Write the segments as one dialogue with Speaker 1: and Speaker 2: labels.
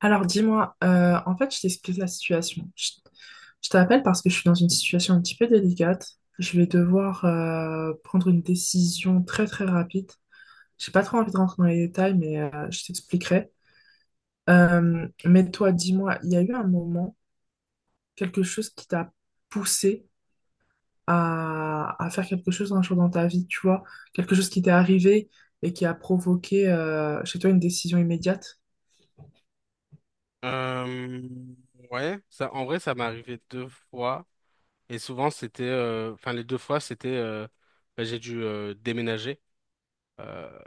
Speaker 1: Alors dis-moi, en fait, je t'explique la situation. Je t'appelle parce que je suis dans une situation un petit peu délicate. Je vais devoir prendre une décision très très rapide. J'ai pas trop envie de rentrer dans les détails, mais je t'expliquerai. Mais toi, dis-moi, il y a eu un moment, quelque chose qui t'a poussé à faire quelque chose un jour dans ta vie, tu vois, quelque chose qui t'est arrivé et qui a provoqué chez toi une décision immédiate?
Speaker 2: Euh, ouais, ça, en vrai, ça m'est arrivé deux fois. Et souvent, c'était, enfin, les deux fois, c'était, bah, j'ai dû déménager. Euh,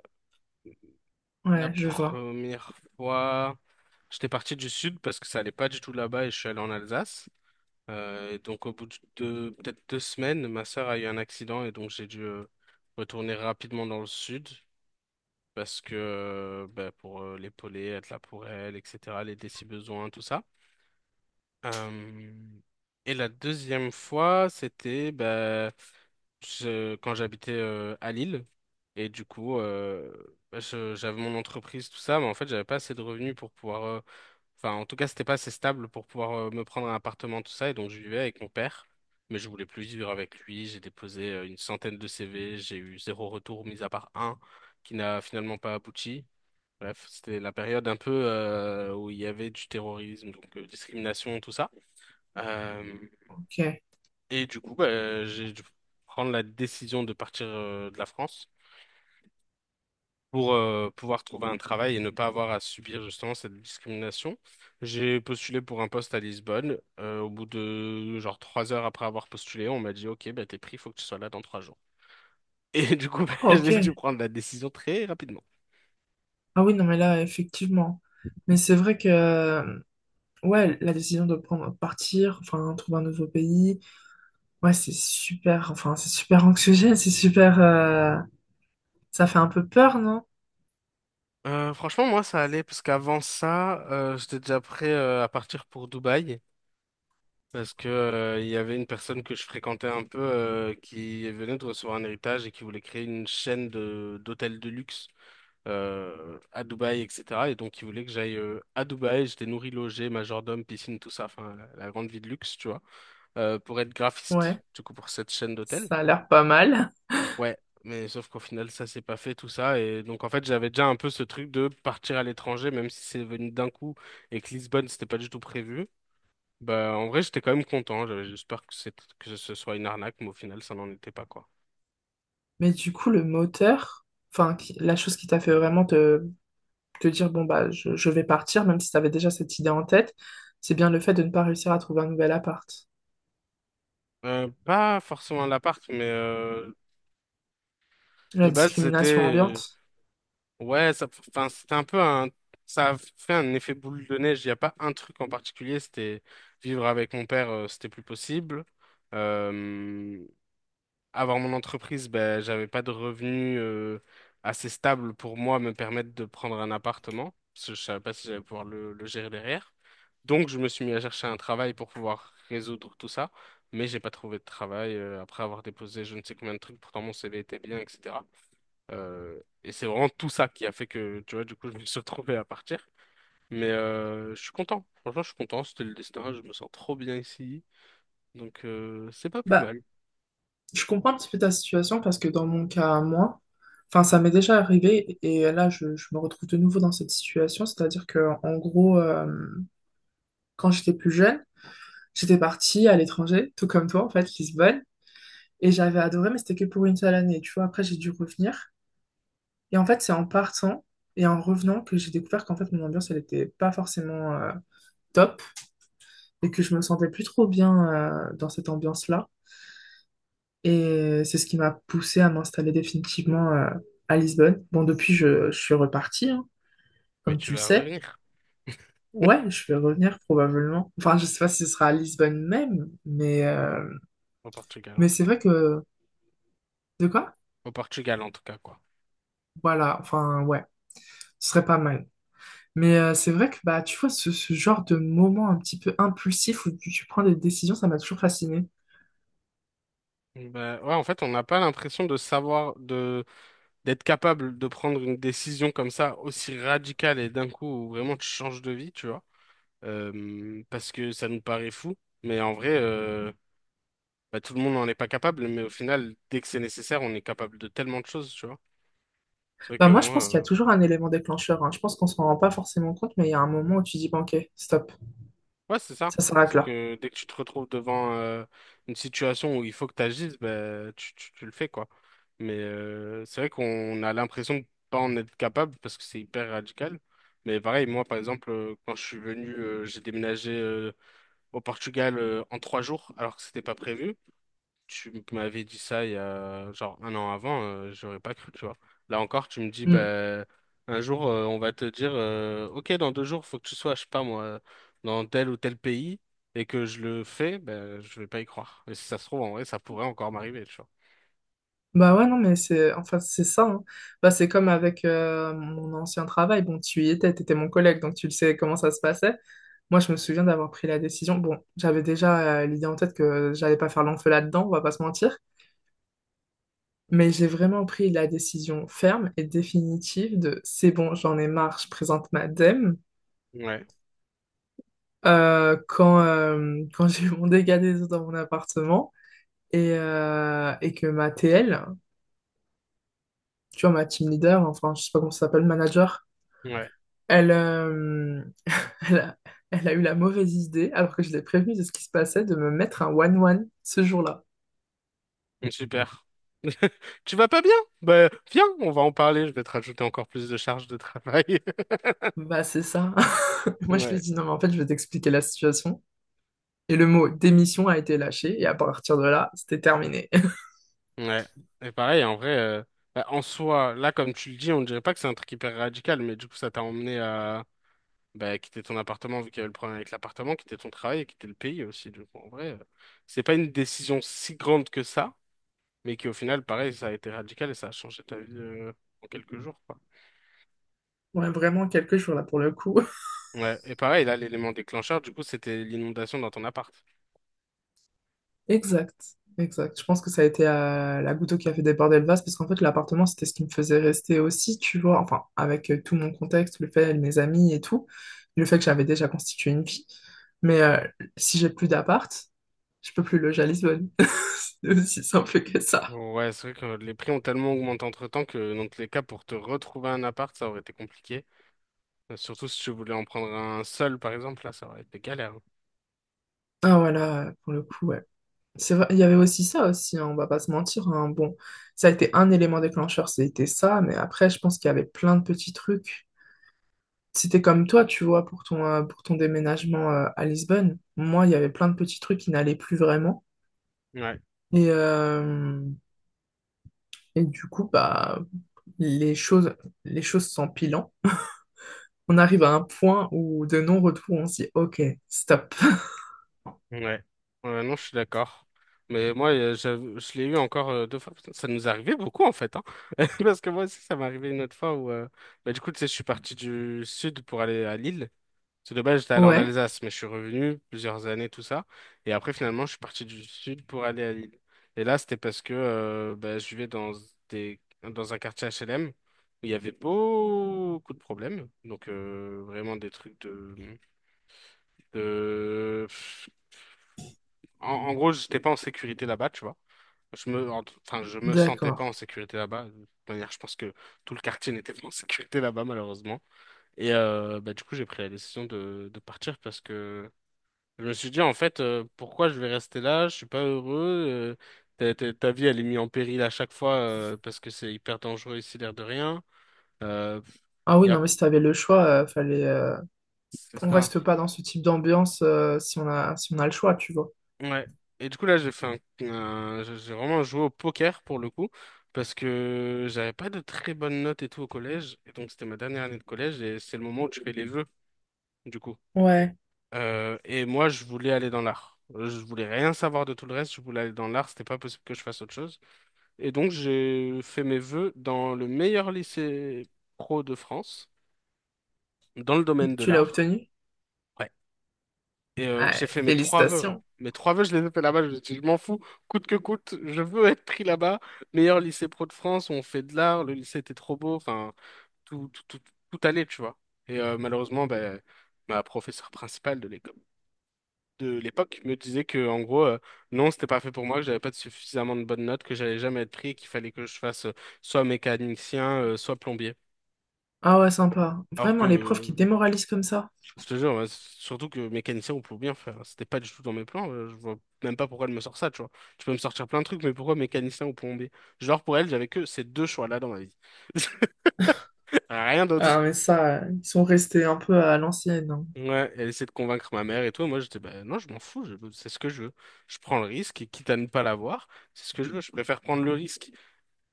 Speaker 2: la
Speaker 1: Ouais, je vois.
Speaker 2: première fois, j'étais parti du sud parce que ça allait pas du tout là-bas et je suis allé en Alsace. Et donc, au bout de peut-être 2 semaines, ma sœur a eu un accident et donc j'ai dû retourner rapidement dans le sud parce que, bah, pour l'épauler, être là pour elle, etc., l'aider si besoin, tout ça. Euh, et la deuxième fois, c'était bah, quand j'habitais à Lille. Et du coup, bah, j'avais mon entreprise, tout ça, mais en fait, j'avais pas assez de revenus pour pouvoir. Enfin, en tout cas, c'était pas assez stable pour pouvoir me prendre un appartement, tout ça. Et donc, je vivais avec mon père, mais je voulais plus vivre avec lui. J'ai déposé une centaine de CV, j'ai eu zéro retour, mis à part un qui n'a finalement pas abouti. Bref, c'était la période un peu où il y avait du terrorisme, donc discrimination, tout ça. Euh,
Speaker 1: Ok.
Speaker 2: et du coup, bah, j'ai dû prendre la décision de partir de la France pour pouvoir trouver un travail et ne pas avoir à subir justement cette discrimination. J'ai postulé pour un poste à Lisbonne. Au bout de genre 3 heures après avoir postulé, on m'a dit, OK, bah, t'es pris, il faut que tu sois là dans 3 jours. Et du coup, bah,
Speaker 1: Ah, ok.
Speaker 2: j'ai dû prendre la décision très rapidement.
Speaker 1: Ah oui, non, mais là, effectivement. Mais c'est vrai que, ouais, la décision de prendre, partir, enfin, trouver un nouveau pays, ouais, c'est super, enfin, c'est super anxiogène, c'est super, ça fait un peu peur, non?
Speaker 2: Franchement, moi, ça allait parce qu'avant ça, j'étais déjà prêt à partir pour Dubaï. Parce que, il y avait une personne que je fréquentais un peu qui venait de recevoir un héritage et qui voulait créer une chaîne de d'hôtels de luxe à Dubaï, etc. Et donc, il voulait que j'aille à Dubaï. J'étais nourri, logé, majordome, piscine, tout ça. Enfin, la grande vie de luxe, tu vois, pour être graphiste,
Speaker 1: Ouais,
Speaker 2: du coup, pour cette chaîne d'hôtels.
Speaker 1: ça a l'air pas mal.
Speaker 2: Ouais, mais sauf qu'au final, ça s'est pas fait, tout ça. Et donc, en fait, j'avais déjà un peu ce truc de partir à l'étranger, même si c'est venu d'un coup et que Lisbonne, c'était pas du tout prévu. Bah, en vrai, j'étais quand même content. J'espère que c'est que ce soit une arnaque, mais au final, ça n'en était pas, quoi.
Speaker 1: Mais du coup, le moteur, enfin, la chose qui t'a fait vraiment te dire, bon, bah, je vais partir, même si tu avais déjà cette idée en tête, c'est bien le fait de ne pas réussir à trouver un nouvel appart.
Speaker 2: Pas forcément l'appart, mais de
Speaker 1: La
Speaker 2: base, c'était.
Speaker 1: discrimination ambiante.
Speaker 2: Ouais, ça, enfin, c'était un peu un. Ça a fait un effet boule de neige. Il n'y a pas un truc en particulier. C'était vivre avec mon père, c'était plus possible. Euh, Avant mon entreprise, ben, j'avais pas de revenus assez stables pour moi me permettre de prendre un appartement, parce que je savais pas si j'allais pouvoir le gérer derrière. Donc, je me suis mis à chercher un travail pour pouvoir résoudre tout ça, mais j'ai pas trouvé de travail après avoir déposé je ne sais combien de trucs, pourtant mon CV était bien, etc. Et c'est vraiment tout ça qui a fait que, tu vois, du coup, je me suis retrouvé à partir. Mais je suis content. Franchement, je suis content. C'était le destin. Je me sens trop bien ici. Donc, c'est pas plus
Speaker 1: Bah,
Speaker 2: mal.
Speaker 1: je comprends un petit peu ta situation parce que dans mon cas, à moi, enfin, ça m'est déjà arrivé et là, je me retrouve de nouveau dans cette situation. C'est-à-dire que, en gros, quand j'étais plus jeune, j'étais partie à l'étranger, tout comme toi, en fait, Lisbonne, et j'avais adoré, mais c'était que pour une seule année, tu vois. Après, j'ai dû revenir. Et en fait, c'est en partant et en revenant que j'ai découvert qu'en fait, mon ambiance, elle n'était pas forcément top et que je me sentais plus trop bien dans cette ambiance-là. Et c'est ce qui m'a poussé à m'installer définitivement à Lisbonne. Bon, depuis, je suis repartie, hein,
Speaker 2: Mais
Speaker 1: comme
Speaker 2: tu
Speaker 1: tu le
Speaker 2: vas
Speaker 1: sais.
Speaker 2: revenir.
Speaker 1: Ouais, je vais revenir probablement. Enfin, je sais pas si ce sera à Lisbonne même,
Speaker 2: Au Portugal, en
Speaker 1: mais
Speaker 2: tout
Speaker 1: c'est
Speaker 2: cas.
Speaker 1: vrai que... De quoi?
Speaker 2: Au Portugal, en tout cas, quoi.
Speaker 1: Voilà, enfin, ouais, ce serait pas mal. Mais c'est vrai que, bah, tu vois, ce genre de moment un petit peu impulsif où tu prends des décisions, ça m'a toujours fasciné.
Speaker 2: Ben, ouais, en fait, on n'a pas l'impression de savoir, d'être capable de prendre une décision comme ça, aussi radicale et d'un coup, où vraiment tu changes de vie, tu vois. Parce que ça nous paraît fou. Mais en vrai, bah, tout le monde n'en est pas capable. Mais au final, dès que c'est nécessaire, on est capable de tellement de choses, tu vois. C'est vrai
Speaker 1: Bah
Speaker 2: que
Speaker 1: moi, je pense
Speaker 2: moi,
Speaker 1: qu'il y a
Speaker 2: euh,
Speaker 1: toujours un élément déclencheur, hein. Je pense qu'on s'en rend pas forcément compte, mais il y a un moment où tu dis, bon, ok, stop,
Speaker 2: Ouais, c'est ça.
Speaker 1: ça s'arrête
Speaker 2: C'est
Speaker 1: là.
Speaker 2: que dès que tu te retrouves devant une situation où il faut que tu agisses, ben, tu le fais, quoi. Mais c'est vrai qu'on a l'impression de pas en être capable parce que c'est hyper radical. Mais pareil, moi, par exemple, quand je suis venu, j'ai déménagé au Portugal en 3 jours alors que c'était pas prévu. Tu m'avais dit ça il y a genre un an avant, j'aurais pas cru, tu vois. Là encore, tu me dis,
Speaker 1: Hmm.
Speaker 2: bah, un jour, on va te dire, ok, dans 2 jours, faut que tu sois, je sais pas moi, dans tel ou tel pays, et que je le fais, ben je vais pas y croire. Et si ça se trouve, en vrai, ça pourrait encore m'arriver, tu vois.
Speaker 1: Bah ouais, non, mais c'est enfin, c'est ça, hein. Bah, c'est comme avec mon ancien travail. Bon, tu y étais, tu étais mon collègue, donc tu le sais comment ça se passait. Moi, je me souviens d'avoir pris la décision. Bon, j'avais déjà l'idée en tête que j'allais pas faire l'enfeu là-dedans, on va pas se mentir. Mais j'ai vraiment pris la décision ferme et définitive de c'est bon, j'en ai marre, je présente ma dème
Speaker 2: Ouais,
Speaker 1: quand j'ai eu mon dégât des eaux dans mon appartement et que ma TL, tu vois, ma team leader, enfin, je sais pas comment ça s'appelle, manager,
Speaker 2: ouais.
Speaker 1: elle, euh, elle a, elle a eu la mauvaise idée, alors que je l'ai prévenue de ce qui se passait, de me mettre un one-one ce jour-là.
Speaker 2: Super. Tu vas pas bien? Ben, viens, on va en parler, je vais te rajouter encore plus de charges de travail.
Speaker 1: Bah, c'est ça. Moi, je lui ai
Speaker 2: Ouais.
Speaker 1: dit, non, mais en fait, je vais t'expliquer la situation. Et le mot démission a été lâché, et à partir de là, c'était terminé.
Speaker 2: Ouais. Et pareil, en vrai, bah, en soi, là, comme tu le dis, on dirait pas que c'est un truc hyper radical, mais du coup, ça t'a emmené à bah, quitter ton appartement, vu qu'il y avait le problème avec l'appartement, quitter ton travail et quitter le pays aussi. Du coup, en vrai, c'est pas une décision si grande que ça, mais qui, au final, pareil, ça a été radical et ça a changé ta vie en quelques jours, quoi.
Speaker 1: Ouais, vraiment quelques jours là pour le coup.
Speaker 2: Ouais. Et pareil, là, l'élément déclencheur, du coup, c'était l'inondation dans ton appart.
Speaker 1: Exact, exact. Je pense que ça a été la goutte qui a fait déborder le vase parce qu'en fait, l'appartement, c'était ce qui me faisait rester aussi, tu vois. Enfin, avec tout mon contexte, le fait, mes amis et tout, le fait que j'avais déjà constitué une vie. Mais si j'ai plus d'appart, je peux plus loger à Lisbonne. C'est aussi simple que ça.
Speaker 2: Ouais, c'est vrai que les prix ont tellement augmenté entre-temps que, dans tous les cas, pour te retrouver un appart, ça aurait été compliqué. Surtout si tu voulais en prendre un seul, par exemple, là, ça aurait été galère.
Speaker 1: Ah voilà, pour le coup, ouais. C'est vrai, il y avait aussi ça aussi, hein, on va pas se mentir, hein. Bon, ça a été un élément déclencheur, c'était ça, mais après, je pense qu'il y avait plein de petits trucs. C'était comme toi, tu vois, pour ton déménagement à Lisbonne. Moi, il y avait plein de petits trucs qui n'allaient plus vraiment.
Speaker 2: Ouais,
Speaker 1: Et, euh, et du coup, bah, les choses, les choses s'empilant. On arrive à un point où de non-retour, on se dit, OK, stop.
Speaker 2: ouais. Ouais, non, je suis d'accord. Mais moi, je l'ai eu encore deux fois. Putain, ça nous arrivait beaucoup, en fait, hein. Parce que moi aussi, ça m'est arrivé une autre fois où. Bah, du coup, tu sais, je suis parti du sud pour aller à Lille. Parce que de base, j'étais allé en
Speaker 1: Ouais,
Speaker 2: Alsace, mais je suis revenu plusieurs années, tout ça. Et après, finalement, je suis parti du sud pour aller à Lille. Et là, c'était parce que bah, je vivais dans dans un quartier HLM où il y avait beaucoup de problèmes. Donc, vraiment des trucs de... en gros, j'étais pas en sécurité là-bas, tu vois. Enfin, je me sentais pas
Speaker 1: d'accord.
Speaker 2: en sécurité là-bas. De toute manière, je pense que tout le quartier n'était pas en sécurité là-bas, malheureusement. Et bah, du coup, j'ai pris la décision de partir parce que je me suis dit, en fait, pourquoi je vais rester là? Je suis pas heureux. euh, ta vie, elle est mise en péril à chaque fois parce que c'est hyper dangereux ici, l'air de rien. Euh,
Speaker 1: Ah oui,
Speaker 2: y a...
Speaker 1: non, mais si t'avais le choix, fallait,
Speaker 2: C'est
Speaker 1: on
Speaker 2: ça.
Speaker 1: reste pas dans ce type d'ambiance si on a, si on a le choix, tu vois.
Speaker 2: Ouais. Et du coup, là, j'ai fait un- j'ai vraiment joué au poker pour le coup parce que j'avais pas de très bonnes notes et tout au collège. Et donc, c'était ma dernière année de collège et c'est le moment où tu fais les vœux, du coup.
Speaker 1: Ouais.
Speaker 2: Et moi, je voulais aller dans l'art. Je voulais rien savoir de tout le reste. Je voulais aller dans l'art. C'était pas possible que je fasse autre chose. Et donc, j'ai fait mes vœux dans le meilleur lycée pro de France, dans le domaine de
Speaker 1: Tu l'as
Speaker 2: l'art.
Speaker 1: obtenu?
Speaker 2: Ouais. Et j'ai
Speaker 1: Ouais,
Speaker 2: fait mes trois vœux.
Speaker 1: félicitations.
Speaker 2: Mes trois vœux, je les ai fait là-bas. Je me suis dit, je m'en fous, coûte que coûte, je veux être pris là-bas. Meilleur lycée pro de France, on fait de l'art, le lycée était trop beau. Enfin, tout, tout, tout, tout allait, tu vois. Et malheureusement, ben, ma professeure principale de l'école, de l'époque me disait que, en gros, non, c'était pas fait pour moi, que j'avais pas de suffisamment de bonnes notes, que j'allais jamais être pris et qu'il fallait que je fasse soit mécanicien, soit plombier.
Speaker 1: Ah ouais, sympa.
Speaker 2: Alors
Speaker 1: Vraiment, les profs qui
Speaker 2: que,
Speaker 1: démoralisent comme ça.
Speaker 2: je te jure, ouais, surtout que mécanicien on peut bien faire. Hein. C'était pas du tout dans mes plans. Je vois même pas pourquoi elle me sort ça, tu vois. Tu peux me sortir plein de trucs, mais pourquoi mécanicien ou plombier? Genre, pour elle, j'avais que ces deux choix-là dans ma vie. Rien d'autre.
Speaker 1: Ah, mais ça, ils sont restés un peu à l'ancienne, hein.
Speaker 2: Ouais, elle essaie de convaincre ma mère et tout. Et moi, j'étais, bah non, je m'en fous, c'est ce que je veux. Je prends le risque, et quitte à ne pas l'avoir, c'est ce que je veux. Je préfère prendre le risque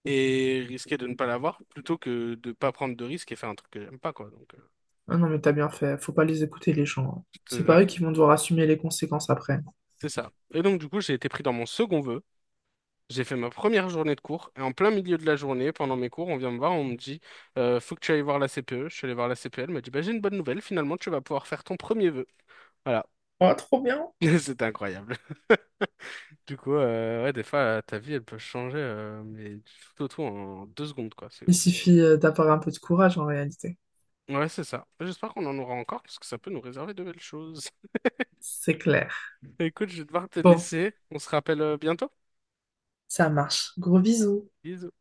Speaker 2: et risquer de ne pas l'avoir plutôt que de pas prendre de risque et faire un truc que j'aime pas, quoi. Donc,
Speaker 1: Ah non, mais t'as bien fait. Faut pas les écouter, les gens, hein.
Speaker 2: je te
Speaker 1: C'est
Speaker 2: jure,
Speaker 1: pas eux qui vont devoir assumer les conséquences après.
Speaker 2: c'est ça. Et donc, du coup, j'ai été pris dans mon second vœu. J'ai fait ma première journée de cours et en plein milieu de la journée, pendant mes cours, on vient me voir, on me dit faut que tu ailles voir la CPE. Je suis allé voir la CPE, elle m'a dit bah, j'ai une bonne nouvelle, finalement tu vas pouvoir faire ton premier vœu. Voilà,
Speaker 1: Ah, trop bien.
Speaker 2: c'était incroyable. Du coup, ouais, des fois ta vie elle peut changer, mais du tout au tout en 2 secondes quoi, c'est
Speaker 1: Il
Speaker 2: ouf.
Speaker 1: suffit d'avoir un peu de courage en réalité.
Speaker 2: Ouais, c'est ça. J'espère qu'on en aura encore parce que ça peut nous réserver de belles choses.
Speaker 1: C'est clair.
Speaker 2: Écoute, je vais devoir te
Speaker 1: Bon,
Speaker 2: laisser. On se rappelle bientôt.
Speaker 1: ça marche. Gros bisous.
Speaker 2: Bisous.